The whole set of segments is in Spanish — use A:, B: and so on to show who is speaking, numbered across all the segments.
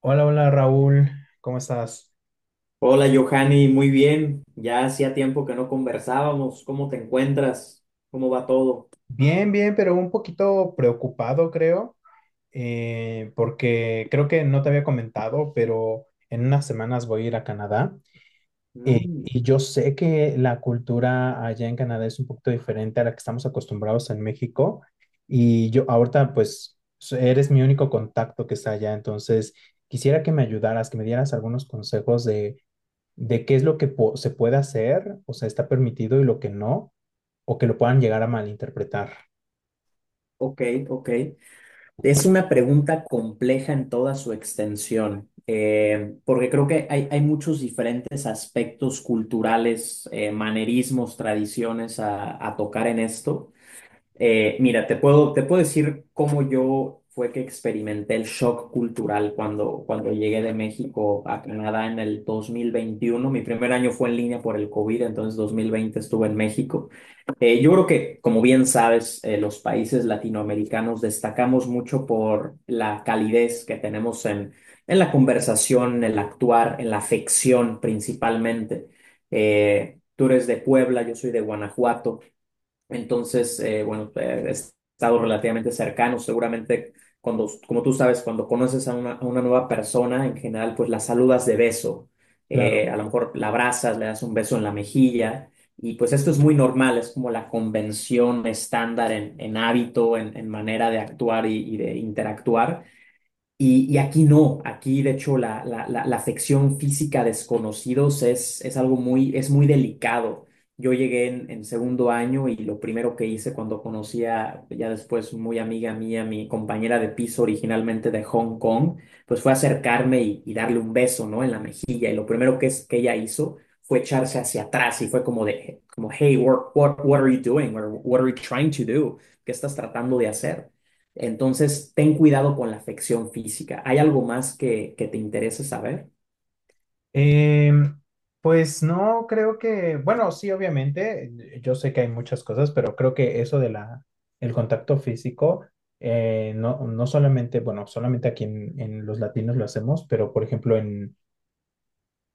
A: Hola, hola Raúl, ¿cómo estás?
B: Hola, Johanny, muy bien. Ya hacía tiempo que no conversábamos. ¿Cómo te encuentras? ¿Cómo va todo?
A: Bien, bien, pero un poquito preocupado creo, porque creo que no te había comentado, pero en unas semanas voy a ir a Canadá.
B: Mm.
A: Y yo sé que la cultura allá en Canadá es un poquito diferente a la que estamos acostumbrados en México, y yo ahorita pues eres mi único contacto que está allá. Entonces quisiera que me ayudaras, que me dieras algunos consejos de qué es lo que se puede hacer, o sea, está permitido y lo que no, o que lo puedan llegar a malinterpretar.
B: Ok, ok. Es una pregunta compleja en toda su extensión, porque creo que hay muchos diferentes aspectos culturales, manerismos, tradiciones a tocar en esto. Mira, te puedo decir cómo yo fue que experimenté el shock cultural cuando llegué de México a Canadá en el 2021. Mi primer año fue en línea por el COVID, entonces 2020 estuve en México. Yo creo que, como bien sabes, los países latinoamericanos destacamos mucho por la calidez que tenemos en la conversación, en el actuar, en la afección principalmente. Tú eres de Puebla, yo soy de Guanajuato. Entonces, bueno, he estado relativamente cercano. Seguramente, cuando, como tú sabes, cuando conoces a una nueva persona, en general, pues la saludas de beso.
A: Claro.
B: A lo mejor la abrazas, le das un beso en la mejilla. Y pues esto es muy normal, es como la convención estándar en hábito, en manera de actuar y de interactuar. Y aquí no, aquí de hecho la sección física desconocidos es algo muy, es muy delicado. Yo llegué en segundo año y lo primero que hice cuando conocí a, ya después muy amiga mía, mi compañera de piso originalmente de Hong Kong, pues fue acercarme y darle un beso, ¿no? En la mejilla. Y lo primero que ella hizo fue echarse hacia atrás y fue como de, como, hey, what, what, what are you doing? Or, what are you trying to do? ¿Qué estás tratando de hacer? Entonces, ten cuidado con la afección física. ¿Hay algo más que te interese saber?
A: Em, pues no, creo que, bueno, sí, obviamente, yo sé que hay muchas cosas, pero creo que eso de el contacto físico, no, no solamente, bueno, solamente aquí en los latinos lo hacemos, pero por ejemplo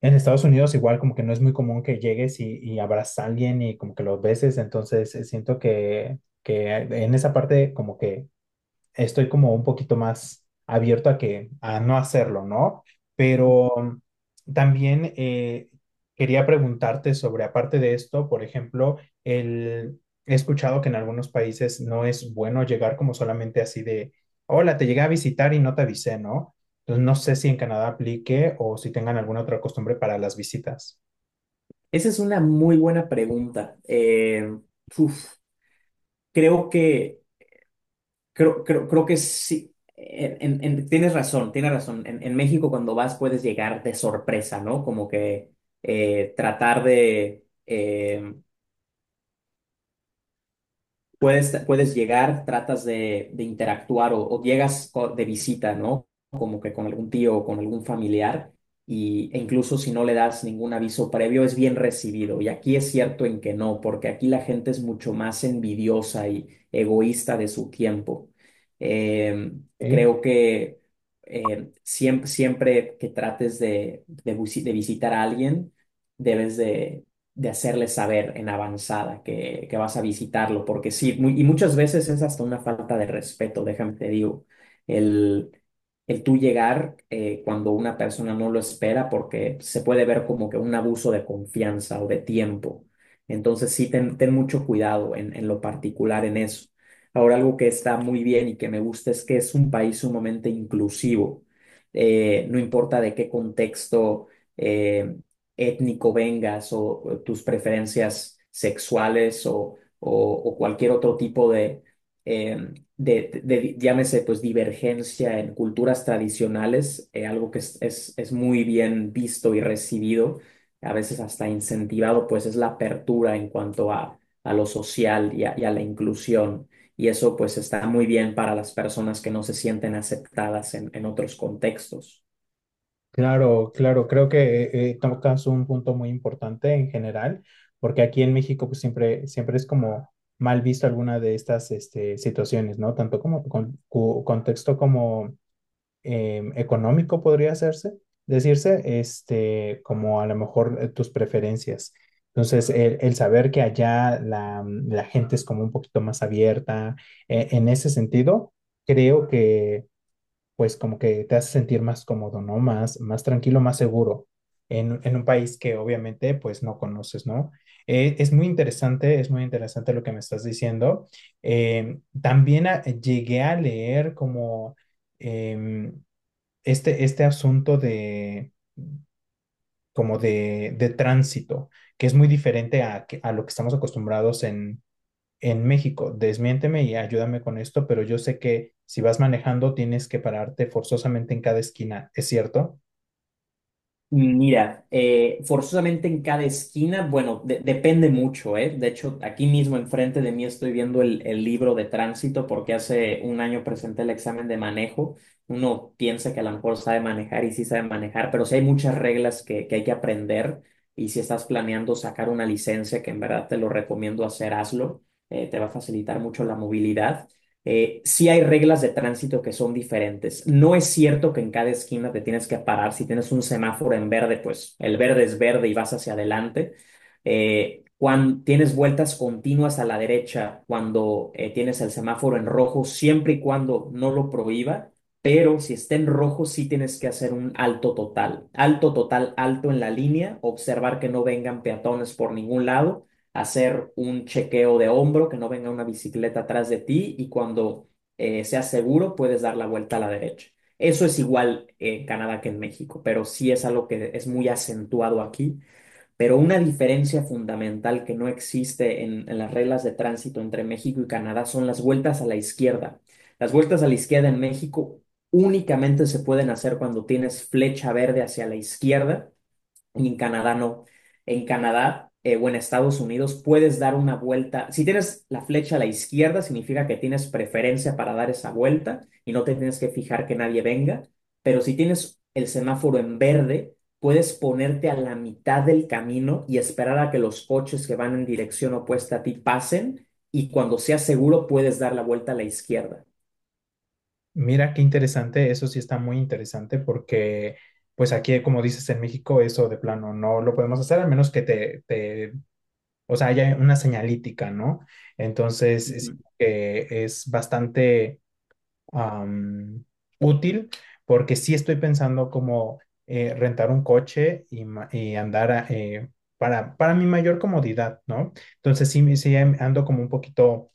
A: en Estados Unidos igual como que no es muy común que llegues y abrazas a alguien y como que lo beses. Entonces siento que en esa parte como que estoy como un poquito más abierto a que a no hacerlo, ¿no? Pero también quería preguntarte sobre, aparte de esto, por ejemplo, el, he escuchado que en algunos países no es bueno llegar como solamente así de, hola, te llegué a visitar y no te avisé, ¿no? Entonces no sé si en Canadá aplique o si tengan alguna otra costumbre para las visitas.
B: Esa es una muy buena pregunta. Uf, creo que, creo que sí. Tienes razón, tienes razón. En México cuando vas puedes llegar de sorpresa, ¿no? Como que tratar de, puedes llegar, tratas de interactuar o llegas de visita, ¿no? Como que con algún tío o con algún familiar, e incluso si no le das ningún aviso previo, es bien recibido. Y aquí es cierto en que no, porque aquí la gente es mucho más envidiosa y egoísta de su tiempo. Eh,
A: ¿Ok?
B: creo que siempre que trates de visitar a alguien, debes de hacerles saber en avanzada que vas a visitarlo, porque sí, y muchas veces es hasta una falta de respeto, déjame te digo, el, el tú llegar cuando una persona no lo espera, porque se puede ver como que un abuso de confianza o de tiempo. Entonces sí, ten mucho cuidado en lo particular en eso. Ahora, algo que está muy bien y que me gusta es que es un país sumamente inclusivo. No importa de qué contexto eh, étnico vengas o tus preferencias sexuales o cualquier otro tipo eh, de llámese, pues divergencia en culturas tradicionales, algo que es muy bien visto y recibido, a veces hasta incentivado, pues es la apertura en cuanto a lo social y a la inclusión. Y eso pues está muy bien para las personas que no se sienten aceptadas en otros contextos.
A: Claro, claro, creo que tocas un punto muy importante en general, porque aquí en México pues siempre, siempre es como mal visto alguna de estas este, situaciones, ¿no? Tanto como con, contexto como económico podría hacerse, decirse, este, como a lo mejor tus preferencias. Entonces, el saber que allá la gente es como un poquito más abierta, en ese sentido, creo que pues como que te hace sentir más cómodo, ¿no? Más, más tranquilo, más seguro en un país que obviamente pues no conoces, ¿no? Es muy interesante, es muy interesante lo que me estás diciendo. También llegué a leer como em, este, este asunto de como de tránsito, que es muy diferente a, a lo que estamos acostumbrados en México. Desmiénteme y ayúdame con esto, pero yo sé que si vas manejando tienes que pararte forzosamente en cada esquina, ¿es cierto?
B: Mira, forzosamente en cada esquina, bueno, depende mucho, ¿eh? De hecho, aquí mismo enfrente de mí estoy viendo el libro de tránsito porque hace un año presenté el examen de manejo. Uno piensa que a lo mejor sabe manejar y sí sabe manejar, pero sí hay muchas reglas que hay que aprender y si estás planeando sacar una licencia, que en verdad te lo recomiendo hacer, hazlo. Te va a facilitar mucho la movilidad. Sí hay reglas de tránsito que son diferentes. No es cierto que en cada esquina te tienes que parar. Si tienes un semáforo en verde, pues el verde es verde y vas hacia adelante. Cuando tienes vueltas continuas a la derecha, cuando tienes el semáforo en rojo, siempre y cuando no lo prohíba, pero si está en rojo, sí tienes que hacer un alto total. Alto total, alto en la línea, observar que no vengan peatones por ningún lado, hacer un chequeo de hombro, que no venga una bicicleta atrás de ti y cuando seas seguro puedes dar la vuelta a la derecha. Eso es igual en Canadá que en México, pero sí es algo que es muy acentuado aquí. Pero una diferencia fundamental que no existe en las reglas de tránsito entre México y Canadá son las vueltas a la izquierda. Las vueltas a la izquierda en México únicamente se pueden hacer cuando tienes flecha verde hacia la izquierda y en Canadá no. En Canadá o en Estados Unidos puedes dar una vuelta. Si tienes la flecha a la izquierda, significa que tienes preferencia para dar esa vuelta y no te tienes que fijar que nadie venga. Pero si tienes el semáforo en verde, puedes ponerte a la mitad del camino y esperar a que los coches que van en dirección opuesta a ti pasen y cuando sea seguro puedes dar la vuelta a la izquierda.
A: Mira qué interesante, eso sí está muy interesante porque pues aquí, como dices, en México eso de plano no lo podemos hacer, al menos que o sea, haya una señalítica, ¿no? Entonces, es,
B: Ujú,
A: que es bastante am, útil, porque sí estoy pensando como rentar un coche y, y andar para mi mayor comodidad, ¿no? Entonces sí, sí ando como un poquito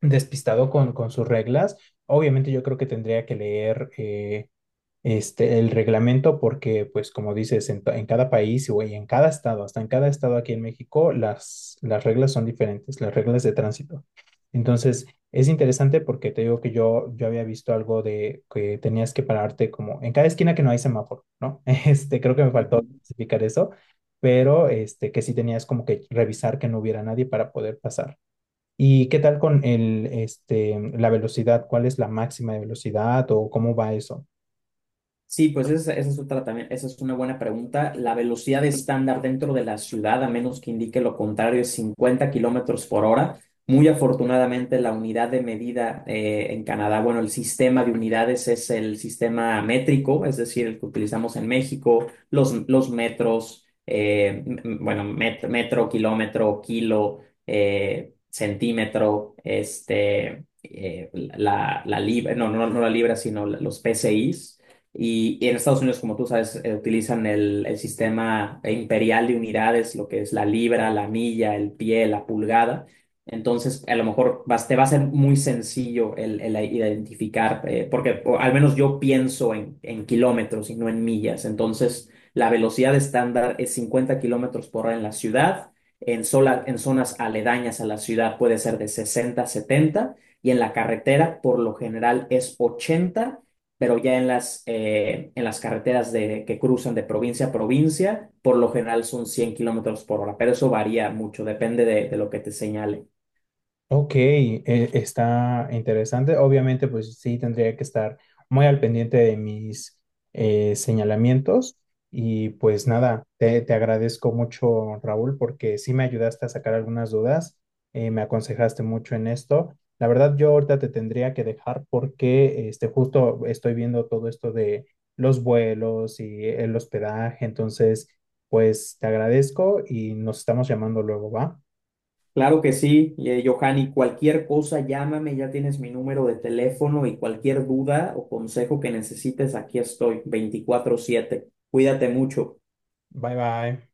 A: despistado con sus reglas. Obviamente yo creo que tendría que leer este, el reglamento porque, pues como dices, en, en cada país o en cada estado, hasta en cada estado aquí en México, las reglas son diferentes, las reglas de tránsito. Entonces, es interesante porque te digo que yo había visto algo de que tenías que pararte como en cada esquina que no hay semáforo, ¿no? Este, creo que me faltó
B: ujú.
A: especificar eso, pero este, que sí tenías como que revisar que no hubiera nadie para poder pasar. ¿Y qué tal con el, este, la velocidad? ¿Cuál es la máxima de velocidad o cómo va eso?
B: Sí, pues esa es otra también, esa es una buena pregunta. La velocidad estándar dentro de la ciudad, a menos que indique lo contrario, es 50 kilómetros por hora. Muy afortunadamente, la unidad de medida en Canadá, bueno, el sistema de unidades es el sistema métrico, es decir, el que utilizamos en México, los metros, bueno, metro, kilómetro, kilo, centímetro, este, la libra, no, no, no la libra, sino los PCIs. Y en Estados Unidos, como tú sabes, utilizan el sistema imperial de unidades, lo que es la libra, la milla, el pie, la pulgada. Entonces, a lo mejor te va a ser muy sencillo el identificar, porque o al menos yo pienso en kilómetros y no en millas. Entonces, la velocidad estándar es 50 kilómetros por hora en la ciudad. En zonas aledañas a la ciudad puede ser de 60 70 y en la carretera por lo general es 80, pero ya en las carreteras de, que cruzan de provincia a provincia, por lo general son 100 kilómetros por hora, pero eso varía mucho, depende de lo que te señale.
A: Ok, está interesante. Obviamente, pues sí, tendría que estar muy al pendiente de mis señalamientos. Y pues nada, te agradezco mucho, Raúl, porque sí me ayudaste a sacar algunas dudas, me aconsejaste mucho en esto. La verdad, yo ahorita te tendría que dejar porque este, justo estoy viendo todo esto de los vuelos y el hospedaje. Entonces, pues te agradezco y nos estamos llamando luego, ¿va?
B: Claro que sí, Johanny, cualquier cosa, llámame, ya tienes mi número de teléfono y cualquier duda o consejo que necesites, aquí estoy, 24/7. Cuídate mucho.
A: Bye bye.